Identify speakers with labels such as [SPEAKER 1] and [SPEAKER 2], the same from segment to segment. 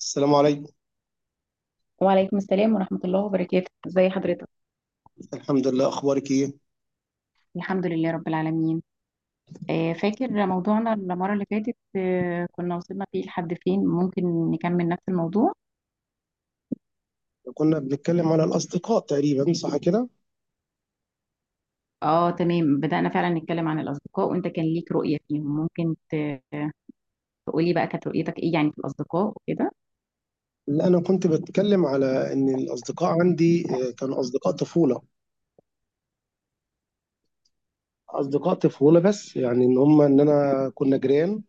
[SPEAKER 1] السلام عليكم.
[SPEAKER 2] وعليكم السلام ورحمة الله وبركاته، ازي حضرتك؟
[SPEAKER 1] الحمد لله، اخبارك ايه؟
[SPEAKER 2] الحمد لله رب العالمين. فاكر موضوعنا المرة اللي فاتت؟ كنا وصلنا فيه لحد فين؟ ممكن نكمل نفس الموضوع.
[SPEAKER 1] كنا بنتكلم على الاصدقاء تقريبا، صح كده؟
[SPEAKER 2] اه تمام، بدأنا فعلا نتكلم عن الأصدقاء وانت كان ليك رؤية فيهم. تقولي بقى كانت رؤيتك ايه يعني في الأصدقاء وكده.
[SPEAKER 1] لا، انا كنت بتكلم على ان الاصدقاء عندي كانوا اصدقاء طفوله. اصدقاء طفوله، بس يعني ان هم ان انا كنا جيران.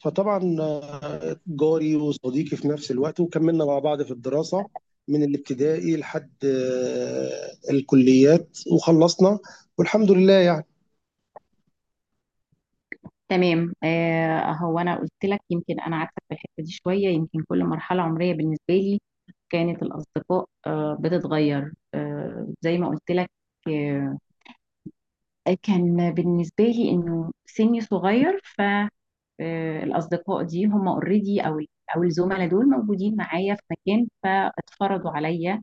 [SPEAKER 1] فطبعا جاري وصديقي في نفس الوقت، وكملنا مع بعض في الدراسه من الابتدائي لحد الكليات، وخلصنا والحمد لله يعني.
[SPEAKER 2] تمام. هو انا قلت لك يمكن انا عكسك في الحتة دي شوية. يمكن كل مرحلة عمرية بالنسبة لي كانت الأصدقاء بتتغير، زي ما قلت لك. آه، كان بالنسبة لي إنه سني صغير، فالأصدقاء دي هم اوريدي أو الزملاء دول موجودين معايا في مكان فاتفرضوا عليا.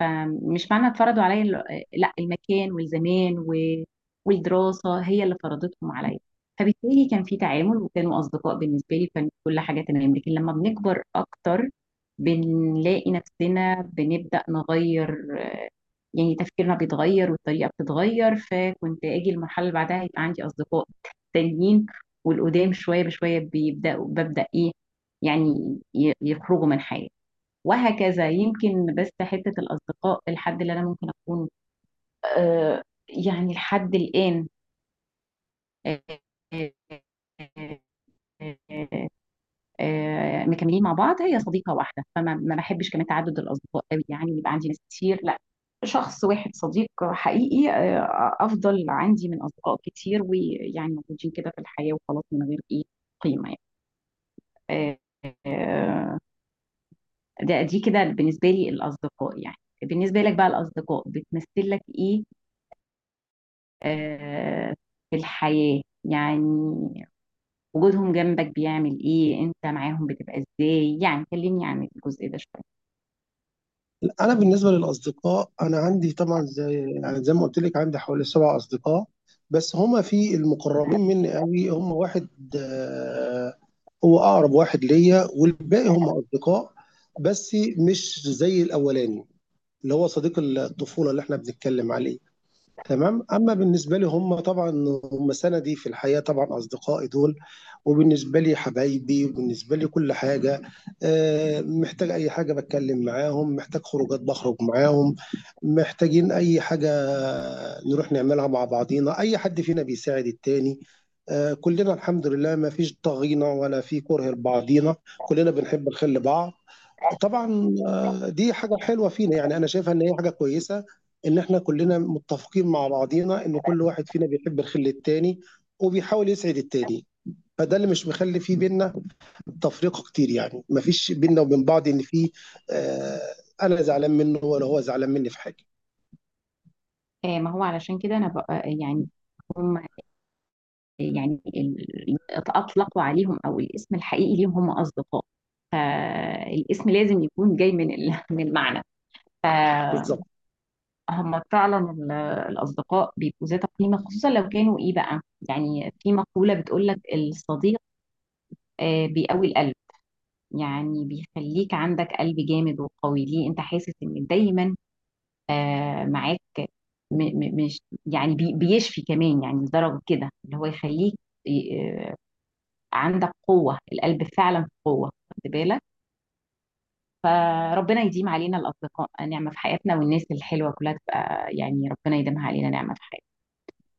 [SPEAKER 2] فمش معنى اتفرضوا عليا لا، المكان والزمان والدراسة هي اللي فرضتهم عليا. فبالتالي كان في تعامل وكانوا أصدقاء بالنسبة لي، كان كل حاجة تمام. لكن لما بنكبر أكتر بنلاقي نفسنا بنبدأ نغير، يعني تفكيرنا بيتغير والطريقة بتتغير. فكنت أجي المرحلة اللي بعدها يبقى عندي أصدقاء تانيين، والقدام شوية بشوية بيبدأوا ببدأ إيه، يعني يخرجوا من حياتي، وهكذا. يمكن بس حتة الأصدقاء الحد اللي أنا ممكن أكون آه يعني لحد الآن آه، آه، آه، آه، آه، مكملين مع بعض هي صديقه واحده. فما ما بحبش كمان تعدد الاصدقاء قوي، يعني يبقى عندي ناس كتير، لا. شخص واحد صديق حقيقي افضل عندي من اصدقاء كتير ويعني موجودين كده في الحياه وخلاص من غير ايه قيمه يعني. آه، آه، ده دي كده بالنسبه لي الاصدقاء يعني. بالنسبه لك بقى الاصدقاء بتمثل لك ايه آه، في الحياه يعني؟ وجودهم جنبك بيعمل ايه؟ انت معاهم بتبقى ازاي يعني؟ كلمني عن الجزء ده شويه.
[SPEAKER 1] انا بالنسبه للاصدقاء، انا عندي طبعا زي يعني زي ما قلت لك، عندي حوالي 7 اصدقاء، بس هما في المقربين مني قوي هما واحد. آه، هو اقرب واحد ليا، والباقي هما اصدقاء بس مش زي الاولاني اللي هو صديق الطفوله اللي احنا بنتكلم عليه. تمام، أمّا بالنسبة لي هم طبعًا هم سَنَدي في الحياة، طبعًا أصدقائي دول، وبالنسبة لي حبايبي، وبالنسبة لي كل حاجة. محتاج أي حاجة باتكلّم معاهم، محتاج خروجات باخرج معاهم، محتاجين أي حاجة نروح نعملها مع بعضينا، أي حد فينا بيساعد التاني. كُلّنا الحمد لله ما فيش طاغينا ولا في كُره لبعضينا، كُلّنا بنحب الخير لبعض. طبعًا دي حاجة حلوة فينا، يعني أنا شايفها إن هي حاجة كويسة، إن إحنا كُلّنا متّفقين مع بعضينا إن كل واحد فينا بيحب الخِل التاني وبيحاول يسعد التاني. فده اللي مش مخلّي في بيننا تفرقة كتير يعني، ما فيش بيننا وبين بعض إن في آآ أنا زعلان منّه ولا هو زعلان منّي في حاجة.
[SPEAKER 2] ما هو علشان كده انا بقى يعني هم، يعني اطلقوا عليهم او الاسم الحقيقي ليهم هم اصدقاء، فالاسم لازم يكون جاي من من المعنى.
[SPEAKER 1] بالضبط.
[SPEAKER 2] فهم فعلا الاصدقاء بيبقوا ذات قيمه، خصوصا لو كانوا ايه بقى. يعني في مقوله بتقول لك الصديق بيقوي القلب، يعني بيخليك عندك قلب جامد وقوي، ليه انت حاسس ان دايما معاك. م م مش يعني بيشفي كمان يعني، لدرجة كده اللي هو يخليك ي- آه، عندك قوة القلب، فعلا في قوة، خدت بالك. فربنا يديم علينا الأصدقاء نعمة في حياتنا، والناس الحلوة كلها تبقى يعني ربنا يديمها علينا نعمة في حياتنا.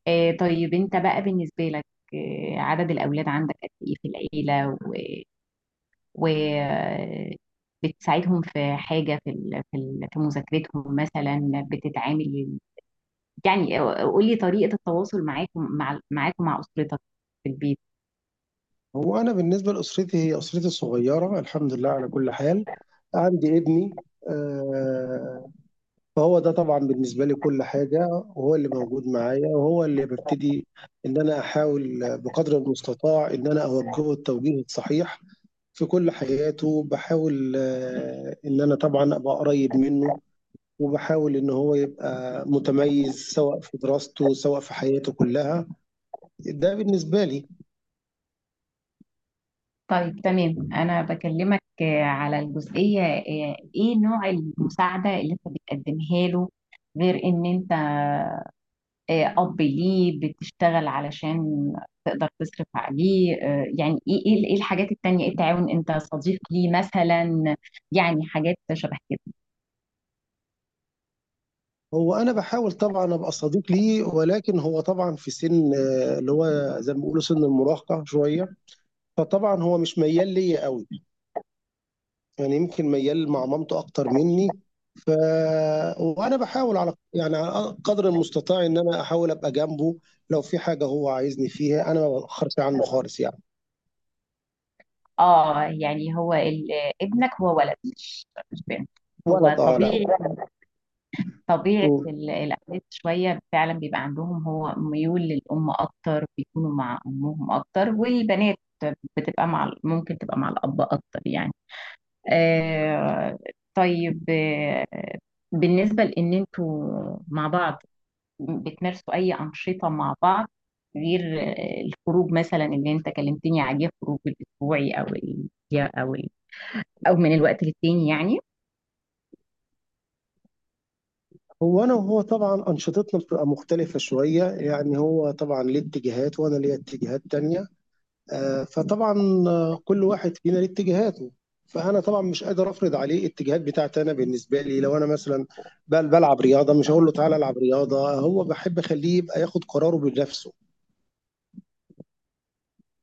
[SPEAKER 2] طيب أنت بقى بالنسبة لك عدد الأولاد عندك قد إيه في العيلة؟ و, و... آه، بتساعدهم في حاجة في في مذاكرتهم مثلا؟ بتتعامل يعني، قولي طريقة التواصل معاكم مع أسرتك في البيت.
[SPEAKER 1] هو أنا بالنسبة لأسرتي، هي أسرتي الصغيّرة الحمد لله على كل حال. عندي ابني، آآ فهو ده طبعا بالنسبة لي كل حاجة، وهو اللي موجود معايا، وهو اللي ببتدي إن أنا أحاول بقدر المستطاع إن أنا أوجهه التوجيه الصحيح في كل حياته. بحاول إن أنا طبعا أبقى قريب منه، وبحاول إن هو يبقى متميز سواء في دراسته سواء في حياته كلها. ده بالنسبة لي.
[SPEAKER 2] طيب تمام، أنا بكلمك على الجزئية إيه نوع المساعدة اللي أنت بتقدمها له غير إن أنت أب ليه بتشتغل علشان تقدر تصرف عليه. يعني إيه الحاجات التانية؟ إيه التعاون؟ أنت صديق ليه مثلا؟ يعني حاجات شبه كده.
[SPEAKER 1] هو أنا بحاول طبعا أبقى صديق ليه، ولكن هو طبعا في سن اللي هو زي ما بيقولوا سن المراهقة شوية. فطبعا هو مش ميال ليا قوي، يعني يمكن ميال مع مامته أكتر منّي. ف وأنا باحاول على يعني على قدر المستطاع إن أنا أحاول أبقى جنبه. لو في حاجة هو عايزني فيها، أنا ما باتأخّرش عنّه خالص يعني.
[SPEAKER 2] آه يعني هو ابنك هو ولد مش بنت؟
[SPEAKER 1] ولد،
[SPEAKER 2] هو
[SPEAKER 1] لأ.
[SPEAKER 2] طبيعي طبيعة
[SPEAKER 1] إمم.
[SPEAKER 2] الأولاد شوية فعلا بيبقى عندهم هو ميول للأم أكتر، بيكونوا مع أمهم أكتر. والبنات بتبقى مع ممكن تبقى مع الأب أكتر يعني. آه طيب. آه بالنسبة لأن أنتوا مع بعض بتمارسوا أي أنشطة مع بعض غير الخروج مثلا اللي أنت كلمتني عليه، خروج الأسبوعي أو أو ال... أو من الوقت للتاني يعني؟
[SPEAKER 1] هو أنا وهو طبعًا أنشطتنا بتبقى مختلفة شوية، يعني هو طبعًا ليه اتجاهات وأنا ليّا اتجاهات تانية. آه، فطبعا كل واحد فينا ليه اتجاهاته. فانا طبعا مش قادر افرض عليه الاتجاهات بتاعتي. انا بالنسبه لي لو انا مثلا بلعب رياضه، مش هقول له تعالى العب رياضه، هو بحب اخليه يبقى ياخد قراره بنفسه،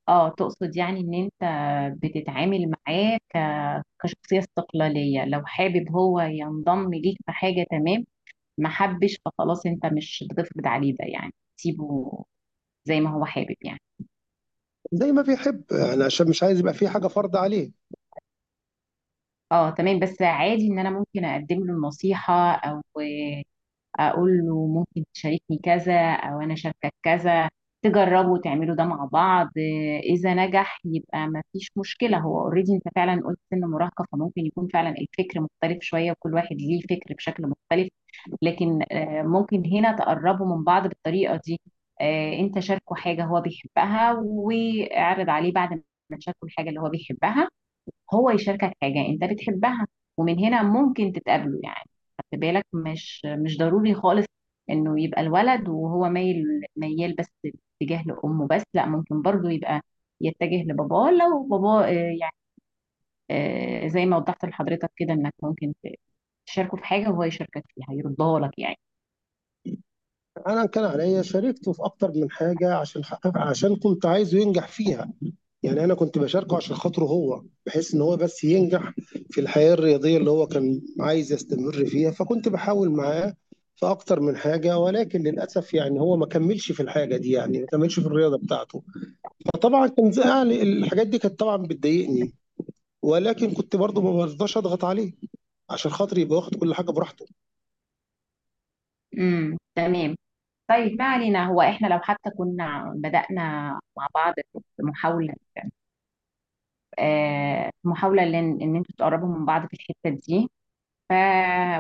[SPEAKER 2] اه تقصد يعني ان انت بتتعامل معاه كشخصية استقلالية، لو حابب هو ينضم ليك في حاجة تمام، ما حبش فخلاص انت مش هتفرض عليه ده، يعني سيبه زي ما هو حابب يعني.
[SPEAKER 1] زي ما بيحب يعني، عشان مش عايز يبقى في حاجه فرض عليه.
[SPEAKER 2] اه تمام، بس عادي ان انا ممكن اقدم له النصيحة او اقول له ممكن تشاركني كذا او انا شاركك كذا، تجربوا تعملوا ده مع بعض. اذا نجح يبقى ما فيش مشكلة. هو اوريدي انت فعلا قلت سن مراهقة، فممكن يكون فعلا الفكر مختلف شوية، وكل واحد ليه فكر بشكل مختلف. لكن ممكن هنا تقربوا من بعض بالطريقة دي. انت شاركه حاجة هو بيحبها، واعرض عليه بعد ما تشاركه الحاجة اللي هو بيحبها هو يشاركك حاجة انت بتحبها، ومن هنا ممكن تتقابلوا يعني. خد بالك مش ضروري خالص انه يبقى الولد وهو مايل، ميال بس اتجاه لامه بس، لا ممكن برضو يبقى يتجه لباباه لو باباه يعني زي ما وضحت لحضرتك كده انك ممكن تشاركه في حاجه وهو يشاركك فيها يرضاه لك يعني.
[SPEAKER 1] انا كان عليا شاركته في اكتر من حاجه، عشان كنت عايزه ينجح فيها، يعني انا كنت بشاركه عشان خاطره هو، بحيث ان هو بس ينجح في الحياه الرياضيه اللي هو كان عايز يستمر فيها. فكنت بحاول معاه في اكتر من حاجه، ولكن للاسف يعني هو ما كملش في الحاجه دي، يعني ما كملش في الرياضه بتاعته. فطبعا كان زعل، الحاجات دي كانت طبعا بتضايقني، ولكن كنت برضه ما برضاش اضغط عليه عشان خاطر يبقى واخد كل حاجه براحته.
[SPEAKER 2] تمام. طيب ما علينا، هو احنا لو حتى كنا بدأنا مع بعض محاولة، آه محاولة لان ان انتوا تقربوا من بعض في الحتة دي، ف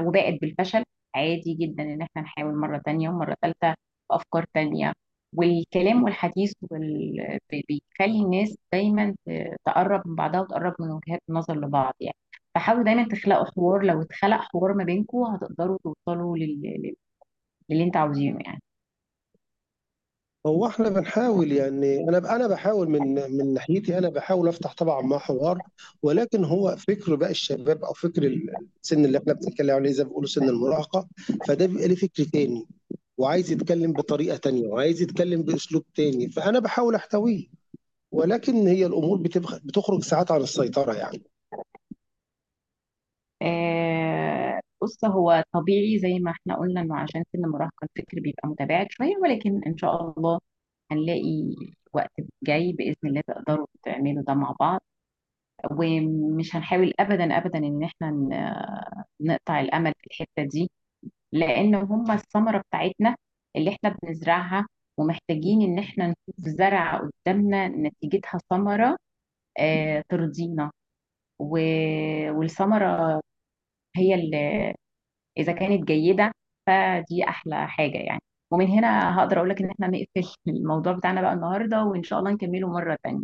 [SPEAKER 2] وباءت بالفشل، عادي جدا ان احنا نحاول مرة تانية ومرة تالتة بأفكار تانية. والكلام والحديث بيخلي الناس دايما تقرب من بعضها وتقرب من وجهات النظر لبعض يعني. فحاولوا دايما تخلقوا حوار، لو اتخلق حوار ما بينكم هتقدروا توصلوا للي انت عاوزينه يعني.
[SPEAKER 1] هو احنا بنحاول يعني، انا انا بحاول من ناحيتي، انا بحاول افتح طبعا مع حوار. ولكن هو فكر بقى الشباب، او فكر السن اللي احنا بنتكلم عليه زي ما بيقولوا سن المراهقه، فده بيبقى ليه فكر تاني، وعايز يتكلم بطريقه تانيه، وعايز يتكلم باسلوب تاني. فانا بحاول احتويه، ولكن هي الامور بتخرج ساعات عن السيطره يعني.
[SPEAKER 2] بص هو طبيعي زي ما احنا قلنا انه عشان سن المراهقة الفكر بيبقى متباعد شوية، ولكن ان شاء الله هنلاقي وقت جاي بإذن الله تقدروا تعملوا ده مع بعض. ومش هنحاول أبدا أبدا إن احنا نقطع الأمل في الحتة دي، لأن هما الثمرة بتاعتنا اللي احنا بنزرعها، ومحتاجين إن احنا نشوف زرع قدامنا نتيجتها ثمرة ترضينا. والثمرة هي اللي اذا كانت جيده فدي احلى حاجه يعني. ومن هنا هقدر اقول لك ان احنا نقفل الموضوع بتاعنا بقى النهارده، وان شاء الله نكمله مره تانية.